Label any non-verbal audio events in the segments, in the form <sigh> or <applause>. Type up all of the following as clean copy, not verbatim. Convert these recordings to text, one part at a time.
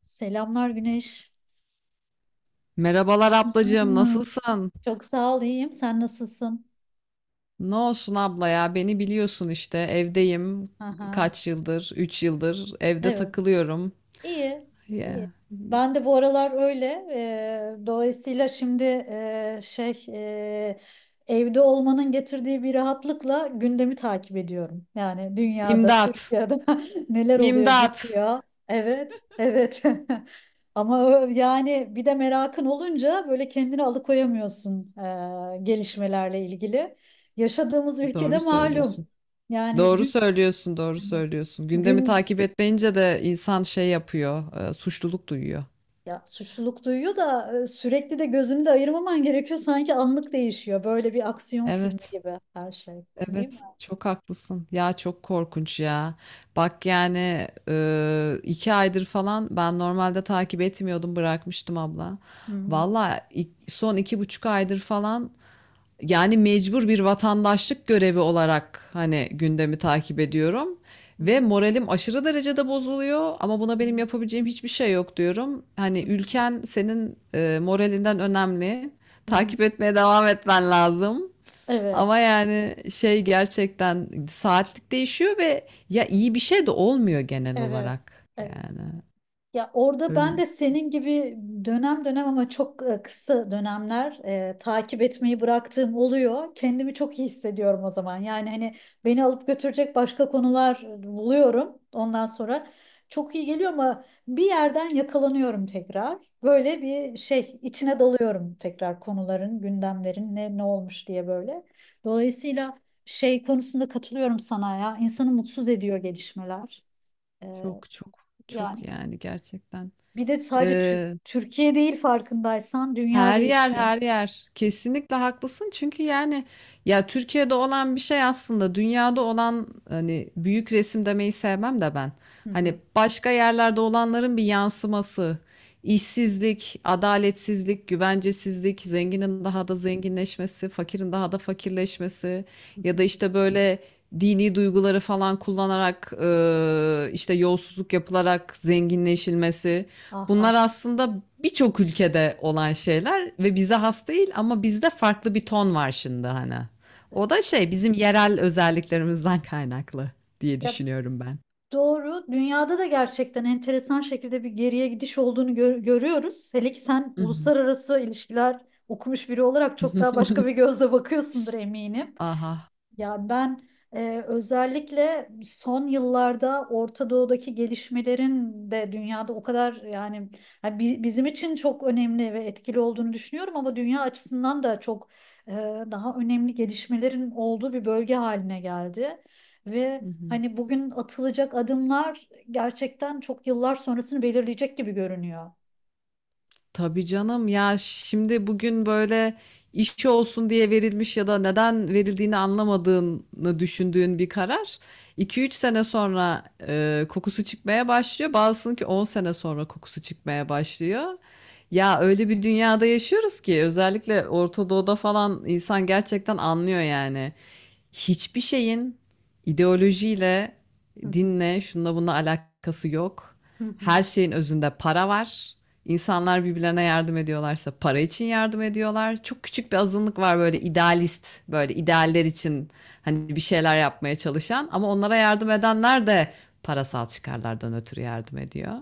Selamlar Güneş. Merhabalar ablacığım, Aa, nasılsın? çok sağ ol, iyiyim. Sen nasılsın? Ne olsun abla ya, beni biliyorsun işte. Evdeyim Aha. kaç yıldır, 3 yıldır evde Evet. takılıyorum. İyi, iyi. Ya. Ben de bu aralar öyle. Dolayısıyla şimdi evde olmanın getirdiği bir rahatlıkla gündemi takip ediyorum. Yani dünyada, İmdat, Türkiye'de <laughs> neler oluyor, imdat. bitiyor. Evet, evet. <laughs> Ama yani bir de merakın olunca böyle kendini alıkoyamıyorsun gelişmelerle ilgili. Yaşadığımız ülkede Doğru malum. söylüyorsun. Yani Doğru gün, söylüyorsun, doğru hani söylüyorsun. Gündemi gün takip etmeyince de insan şey yapıyor, suçluluk duyuyor. Ya suçluluk duyuyor da sürekli de gözünü de ayırmaman gerekiyor. Sanki anlık değişiyor. Böyle bir aksiyon filmi Evet. gibi her şey. Değil mi? Evet, çok haklısın. Ya çok korkunç ya. Bak yani 2 aydır falan ben normalde takip etmiyordum, bırakmıştım abla. Hı hı. Valla son 2,5 aydır falan yani mecbur bir vatandaşlık görevi olarak hani gündemi takip ediyorum. Hı Ve moralim aşırı derecede bozuluyor ama buna hı. benim yapabileceğim hiçbir şey yok diyorum. Hani ülken senin moralinden önemli. Hı hı. Takip etmeye devam etmen lazım. Ama Evet. yani şey gerçekten saatlik değişiyor ve ya iyi bir şey de olmuyor genel Evet. olarak. Evet. Yani Ya orada öyle ben bir de senin gibi dönem dönem ama çok kısa dönemler takip etmeyi bıraktığım oluyor. Kendimi çok iyi hissediyorum o zaman. Yani hani beni alıp götürecek başka konular buluyorum. Ondan sonra çok iyi geliyor ama bir yerden yakalanıyorum tekrar. Böyle bir şey içine dalıyorum tekrar konuların, gündemlerin ne olmuş diye böyle. Dolayısıyla şey konusunda katılıyorum sana ya. İnsanı mutsuz ediyor gelişmeler. E, çok çok çok yani. yani gerçekten. Bir de sadece Türkiye değil farkındaysan dünya Her yer değişiyor. her yer. Kesinlikle haklısın. Çünkü yani ya Türkiye'de olan bir şey aslında dünyada olan hani büyük resim demeyi sevmem de ben. Hı Hani hı, başka yerlerde olanların bir yansıması. İşsizlik, adaletsizlik, güvencesizlik, zenginin daha da zenginleşmesi, fakirin daha da fakirleşmesi hı hı. ya da işte böyle dini duyguları falan kullanarak işte yolsuzluk yapılarak zenginleşilmesi. Ah ah. Bunlar aslında birçok ülkede olan şeyler ve bize has değil ama bizde farklı bir ton var şimdi hani. O da şey bizim yerel özelliklerimizden kaynaklı diye Ya düşünüyorum ben. doğru. Dünyada da gerçekten enteresan şekilde bir geriye gidiş olduğunu görüyoruz. Hele ki sen Hı hı. uluslararası ilişkiler okumuş biri olarak çok daha başka bir <laughs> gözle bakıyorsundur eminim. Aha. Ya ben özellikle son yıllarda Orta Doğu'daki gelişmelerin de dünyada o kadar yani, bizim için çok önemli ve etkili olduğunu düşünüyorum ama dünya açısından da çok e, daha önemli gelişmelerin olduğu bir bölge haline geldi. Hı Ve hı. hani bugün atılacak adımlar gerçekten çok yıllar sonrasını belirleyecek gibi görünüyor. Tabii canım ya şimdi bugün böyle işçi olsun diye verilmiş ya da neden verildiğini anlamadığını düşündüğün bir karar 2-3 sene sonra kokusu çıkmaya başlıyor. Bazısının ki 10 sene sonra kokusu çıkmaya başlıyor. Ya öyle bir dünyada yaşıyoruz ki özellikle Orta Doğu'da falan insan gerçekten anlıyor yani. Hiçbir şeyin ideolojiyle, Hı hı. dinle, şununla bununla alakası yok. Hı hı. Her şeyin özünde para var. İnsanlar birbirlerine yardım ediyorlarsa para için yardım ediyorlar. Çok küçük bir azınlık var böyle idealist, böyle idealler için hani bir şeyler yapmaya çalışan ama onlara yardım edenler de parasal çıkarlardan ötürü yardım ediyor.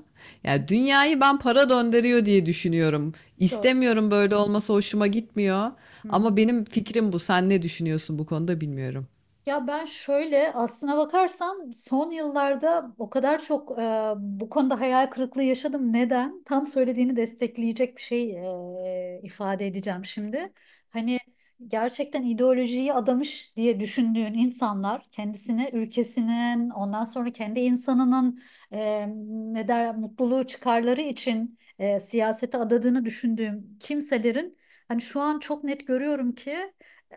Yani dünyayı ben para döndürüyor diye düşünüyorum. Doğru. İstemiyorum böyle olması hoşuma gitmiyor. Hı hı. Ama benim fikrim bu. Sen ne düşünüyorsun bu konuda bilmiyorum. Ya ben şöyle, aslına bakarsan son yıllarda o kadar çok bu konuda hayal kırıklığı yaşadım. Neden? Tam söylediğini destekleyecek bir şey ifade edeceğim şimdi. Hani gerçekten ideolojiyi adamış diye düşündüğün insanlar kendisine, ülkesinin, ondan sonra kendi insanının e, ne der mutluluğu çıkarları için siyasete adadığını düşündüğüm kimselerin hani şu an çok net görüyorum ki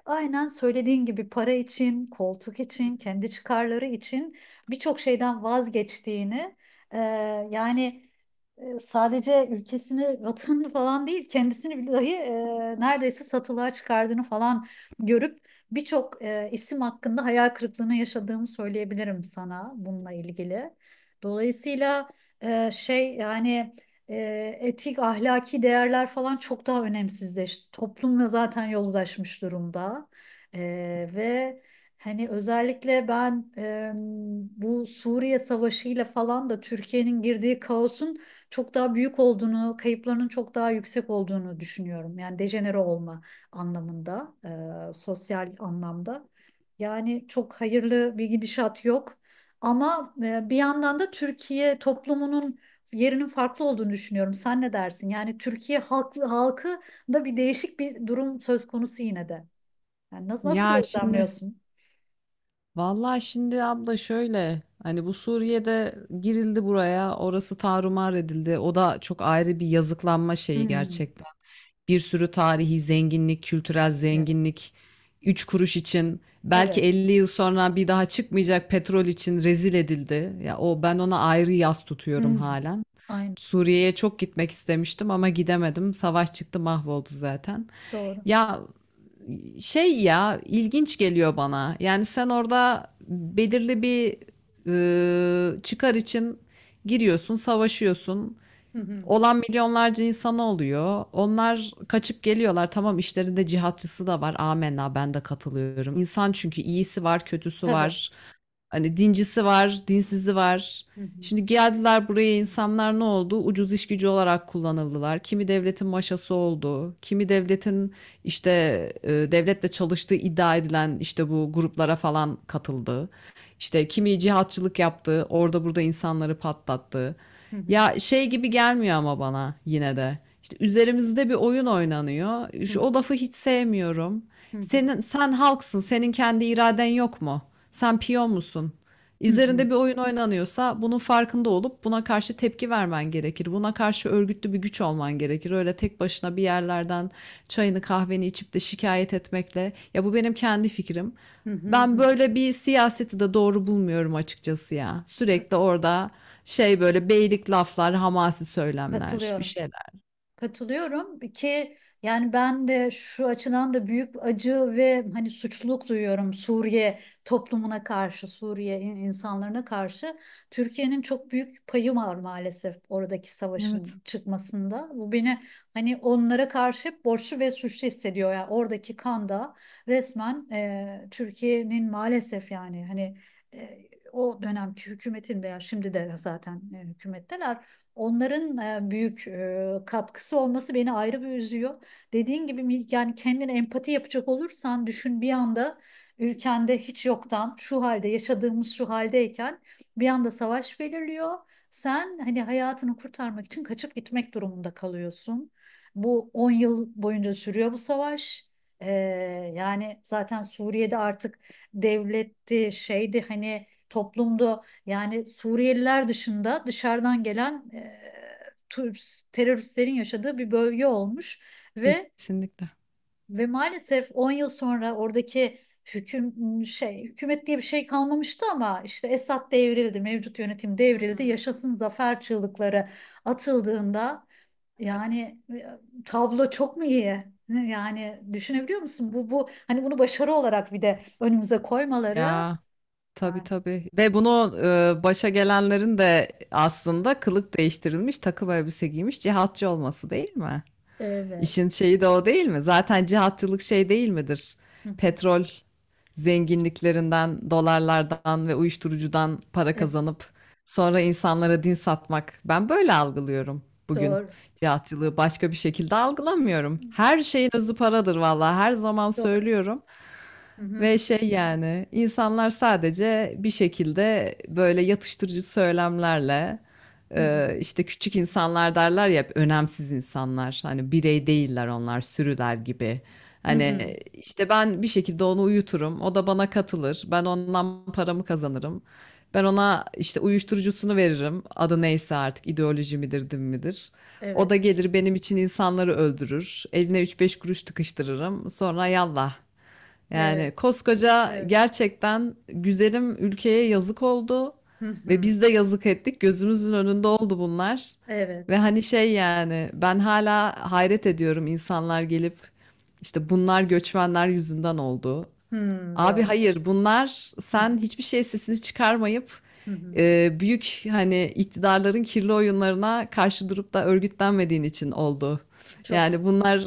aynen söylediğin gibi para için, koltuk için, kendi çıkarları için birçok şeyden vazgeçtiğini, e, yani sadece ülkesini, vatanını falan değil, kendisini bile dahi neredeyse satılığa çıkardığını falan görüp birçok isim hakkında hayal kırıklığına yaşadığımı söyleyebilirim sana bununla ilgili. Dolayısıyla e, şey yani etik, ahlaki değerler falan çok daha önemsizleşti. Toplumla zaten yozlaşmış durumda. E, ve Hani özellikle ben bu Suriye Savaşı'yla falan da Türkiye'nin girdiği kaosun çok daha büyük olduğunu, kayıplarının çok daha yüksek olduğunu düşünüyorum. Yani dejenere olma anlamında, sosyal anlamda. Yani çok hayırlı bir gidişat yok. Ama bir yandan da Türkiye toplumunun yerinin farklı olduğunu düşünüyorum. Sen ne dersin? Yani Türkiye halkı, da bir değişik bir durum söz konusu yine de. Yani nasıl, nasıl Ya şimdi gözlemliyorsun? Vallahi şimdi abla şöyle hani bu Suriye'de girildi buraya orası tarumar edildi o da çok ayrı bir yazıklanma şeyi Hmm. gerçekten. Bir sürü tarihi zenginlik, kültürel Evet. zenginlik 3 kuruş için Evet. belki 50 yıl sonra bir daha çıkmayacak petrol için rezil edildi. Ya o ben ona ayrı yas Hı. tutuyorum Hı. halen. Aynen. Suriye'ye çok gitmek istemiştim ama gidemedim. Savaş çıktı mahvoldu zaten. Doğru. Ya şey ya ilginç geliyor bana. Yani sen orada belirli bir çıkar için giriyorsun, savaşıyorsun Hı hı. olan milyonlarca insan oluyor. Onlar kaçıp geliyorlar. Tamam işlerinde cihatçısı da var. Amenna ben de katılıyorum. İnsan çünkü iyisi var, kötüsü Tabii. var. Hani dincisi var, dinsizi var. Hı hı. Şimdi geldiler buraya insanlar ne oldu? Ucuz iş gücü olarak kullanıldılar. Kimi devletin maşası oldu. Kimi devletin işte devletle çalıştığı iddia edilen işte bu gruplara falan katıldı. İşte kimi cihatçılık yaptı, orada burada insanları patlattı. Hı hı. Ya şey gibi gelmiyor ama bana yine de. İşte üzerimizde bir oyun oynanıyor. Hı hı. O lafı hiç sevmiyorum. Hı hı. Senin sen halksın, senin kendi iraden yok mu? Sen piyon musun? Hı Üzerinde hı, bir oyun oynanıyorsa bunun farkında olup buna karşı tepki vermen gerekir. Buna karşı örgütlü bir güç olman gerekir. Öyle tek başına bir yerlerden çayını kahveni içip de şikayet etmekle ya bu benim kendi fikrim. hı hı, Ben hı. böyle bir siyaseti de doğru bulmuyorum açıkçası ya. Ka- Sürekli orada şey böyle beylik laflar, hamasi söylemler, bir Katılıyorum. şeyler. Katılıyorum ki yani ben de şu açıdan da büyük acı ve hani suçluluk duyuyorum Suriye toplumuna karşı, Suriye insanlarına karşı. Türkiye'nin çok büyük payı var maalesef oradaki Evet, savaşın çıkmasında. Bu beni hani onlara karşı hep borçlu ve suçlu hissediyor. Yani oradaki kan da resmen Türkiye'nin maalesef yani hani e, o dönemki hükümetin veya şimdi de zaten hükümetteler. Onların büyük katkısı olması beni ayrı bir üzüyor. Dediğin gibi yani kendine empati yapacak olursan düşün, bir anda ülkende hiç yoktan şu halde yaşadığımız şu haldeyken bir anda savaş belirliyor. Sen hani hayatını kurtarmak için kaçıp gitmek durumunda kalıyorsun. Bu 10 yıl boyunca sürüyor bu savaş. Ee, yani zaten Suriye'de artık devletti, şeydi, hani toplumdu, yani Suriyeliler dışında dışarıdan gelen teröristlerin yaşadığı bir bölge olmuş ve kesinlikle. ve maalesef 10 yıl sonra oradaki hüküm hükümet diye bir şey kalmamıştı ama işte Esad devrildi, mevcut yönetim Hı devrildi, hı. yaşasın zafer çığlıkları atıldığında Evet. yani tablo çok mu iyi? Yani düşünebiliyor musun? Bu hani bunu başarı olarak bir de önümüze koymaları, Ya tabii yani tabii. Ve bunu başa gelenlerin de aslında kılık değiştirilmiş, takım elbise giymiş cihatçı olması değil mi? evet. İşin şeyi de o değil mi? Zaten cihatçılık şey değil midir? Hı hı. Petrol zenginliklerinden, dolarlardan ve uyuşturucudan para Evet, kazanıp sonra insanlara din satmak. Ben böyle algılıyorum bugün doğru. cihatçılığı. Başka bir şekilde algılamıyorum. Her şeyin özü paradır vallahi. Her zaman Doğru. söylüyorum. Hı hı, Ve şey yani insanlar sadece bir şekilde böyle yatıştırıcı söylemlerle hı hı. İşte küçük insanlar derler ya hep önemsiz insanlar hani birey değiller onlar sürüler gibi. Hı hı. Hani işte ben bir şekilde onu uyuturum o da bana katılır ben ondan paramı kazanırım. Ben ona işte uyuşturucusunu veririm adı neyse artık ideoloji midir din midir. O da Evet. gelir benim için insanları öldürür. Eline üç beş kuruş tıkıştırırım. Sonra yallah. Yani Evet. koskoca Evet. gerçekten güzelim ülkeye yazık oldu Hı ve hı. biz de yazık ettik. Gözümüzün önünde oldu bunlar. Ve Evet. hani şey yani ben hala hayret ediyorum insanlar gelip işte bunlar göçmenler yüzünden oldu. Hı, Abi yo. hayır bunlar Hı hı. sen hiçbir şey sesini çıkarmayıp Hı hı. Büyük hani iktidarların kirli oyunlarına karşı durup da örgütlenmediğin için oldu. Çok doğru. Yani bunlar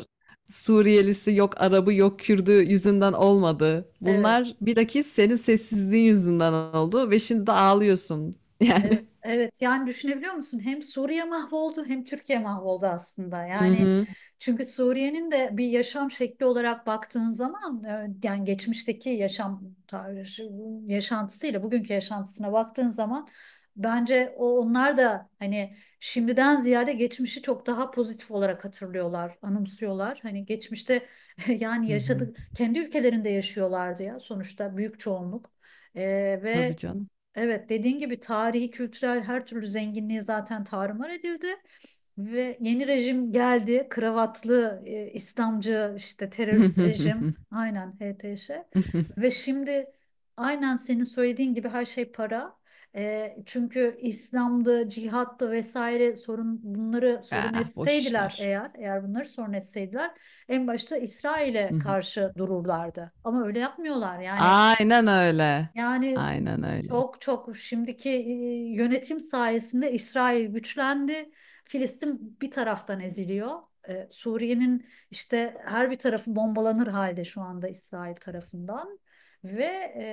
Suriyelisi yok Arabı yok Kürdü yüzünden olmadı. Evet. Bunlar bilakis senin sessizliğin yüzünden oldu ve şimdi de ağlıyorsun. <laughs> Yani. Evet, evet, yani düşünebiliyor musun? Hem Suriye mahvoldu hem Türkiye mahvoldu aslında. Hı Yani hı. çünkü Suriye'nin de bir yaşam şekli olarak baktığın zaman yani geçmişteki yaşam tarzı, yaşantısıyla bugünkü yaşantısına baktığın zaman bence onlar da hani şimdiden ziyade geçmişi çok daha pozitif olarak hatırlıyorlar, anımsıyorlar. Hani geçmişte <laughs> yani Hı hı. yaşadık, kendi ülkelerinde yaşıyorlardı ya sonuçta büyük çoğunluk. E, Tabii ve canım. Evet, dediğin gibi tarihi, kültürel her türlü zenginliği zaten tarumar edildi ve yeni rejim geldi. Kravatlı, İslamcı, işte terörist rejim. <laughs> Aynen HTŞ. Ve şimdi aynen senin söylediğin gibi her şey para. Çünkü İslam'da cihat'ta vesaire sorun, bunları sorun Ah, boş etseydiler işler. eğer, eğer bunları sorun etseydiler en başta Hı İsrail'e hı. karşı dururlardı. Ama öyle yapmıyorlar. Yani Aynen öyle. yani Aynen öyle. çok çok şimdiki yönetim sayesinde İsrail güçlendi. Filistin bir taraftan eziliyor. Suriye'nin işte her bir tarafı bombalanır halde şu anda İsrail tarafından. Ve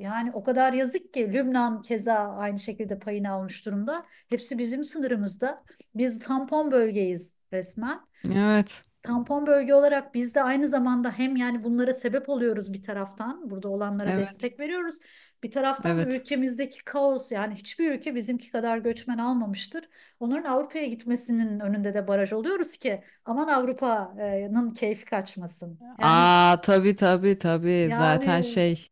yani o kadar yazık ki Lübnan keza aynı şekilde payını almış durumda. Hepsi bizim sınırımızda. Biz tampon bölgeyiz resmen. Evet. Tampon bölge olarak biz de aynı zamanda hem yani bunlara sebep oluyoruz bir taraftan, burada olanlara Evet. destek veriyoruz. Bir taraftan da Evet. ülkemizdeki kaos, yani hiçbir ülke bizimki kadar göçmen almamıştır. Onların Avrupa'ya gitmesinin önünde de baraj oluyoruz ki aman Avrupa'nın keyfi kaçmasın. Yani Aa tabii tabii tabii. Zaten yani şey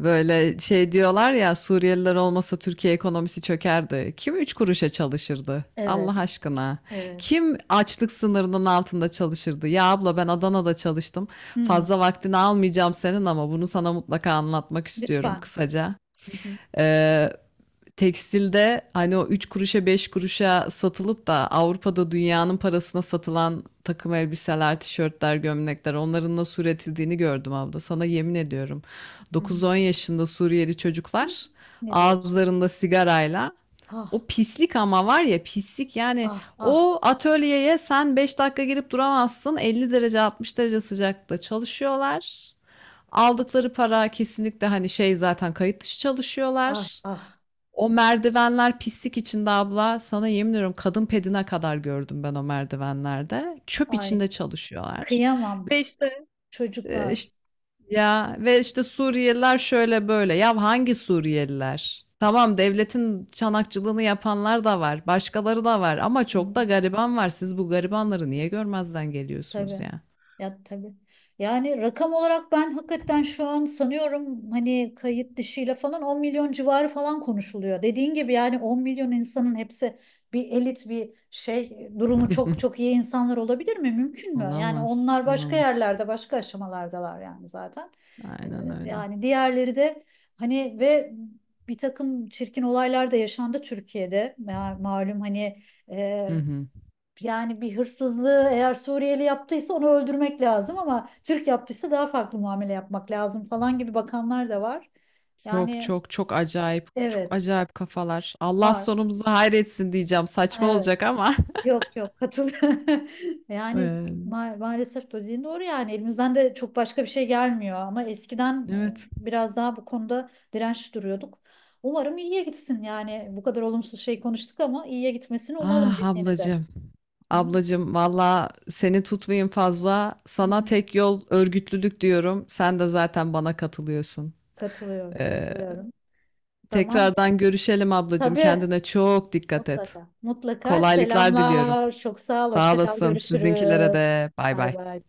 böyle şey diyorlar ya Suriyeliler olmasa Türkiye ekonomisi çökerdi. Kim üç kuruşa çalışırdı? Allah Evet. aşkına. Evet. Kim açlık sınırının altında çalışırdı? Ya abla ben Adana'da çalıştım. Hmm, Fazla vaktini almayacağım senin ama bunu sana mutlaka anlatmak istiyorum lütfen. kısaca. Hı hı. Ee, Tekstilde hani o 3 kuruşa 5 kuruşa satılıp da Avrupa'da dünyanın parasına satılan takım elbiseler, tişörtler, gömlekler onların nasıl üretildiğini gördüm abla. Sana yemin ediyorum. Hı hı. 9-10 yaşında Suriyeli çocuklar Ne diyorsun? ağızlarında sigarayla Ah, o pislik ama var ya pislik yani ah, ah, o atölyeye sen 5 dakika girip duramazsın 50 derece 60 derece sıcakta çalışıyorlar. Aldıkları para kesinlikle hani şey zaten kayıt dışı ay çalışıyorlar. ah. O merdivenler pislik içinde abla. Sana yemin ediyorum kadın pedine kadar gördüm ben o merdivenlerde. Çöp Ay, içinde çalışıyorlar. kıyamam Ve işte, çocuklar. işte ya ve işte Suriyeliler şöyle böyle. Ya hangi Suriyeliler? Tamam devletin çanakçılığını yapanlar da var. Başkaları da var ama Hı. çok da gariban var. Siz bu garibanları niye görmezden geliyorsunuz Tabii. ya? Ya tabii. Yani rakam olarak ben hakikaten şu an sanıyorum hani kayıt dışıyla falan 10 milyon civarı falan konuşuluyor. Dediğin gibi yani 10 milyon insanın hepsi bir elit, bir şey, durumu çok <laughs> çok iyi insanlar olabilir mi? Mümkün mü? Yani Olamaz, onlar başka olamaz. yerlerde başka aşamalardalar yani zaten. Ee, Aynen öyle. yani diğerleri de hani ve bir takım çirkin olaylar da yaşandı Türkiye'de. Malum hani Hı hı. yani bir hırsızlığı eğer Suriyeli yaptıysa onu öldürmek lazım ama Türk yaptıysa daha farklı muamele yapmak lazım falan gibi bakanlar da var. Çok Yani çok çok acayip. Çok evet acayip kafalar. Allah var. sonumuzu hayretsin diyeceğim. Saçma Evet. olacak ama. <laughs> Yok yok katıl. <laughs> Yani Ee, maalesef dediğin doğru, yani elimizden de çok başka bir şey gelmiyor ama eskiden Evet. Biraz daha bu konuda dirençli duruyorduk. Umarım iyiye gitsin, yani bu kadar olumsuz şey konuştuk ama iyiye gitmesini umalım Ah biz yine de. ablacığım. Hı? Ablacığım valla seni tutmayayım fazla. Hı Sana hı. tek yol örgütlülük diyorum. Sen de zaten bana katılıyorsun. Katılıyorum, Ee, katılıyorum. Tamam. Tekrardan görüşelim ablacığım. Tabii Kendine çok dikkat et. mutlaka. Mutlaka. Kolaylıklar diliyorum. Selamlar. Çok sağ ol. Sağ Hoşça kal. olasın. Sizinkilere Görüşürüz. de. Bay Bay bay. bay.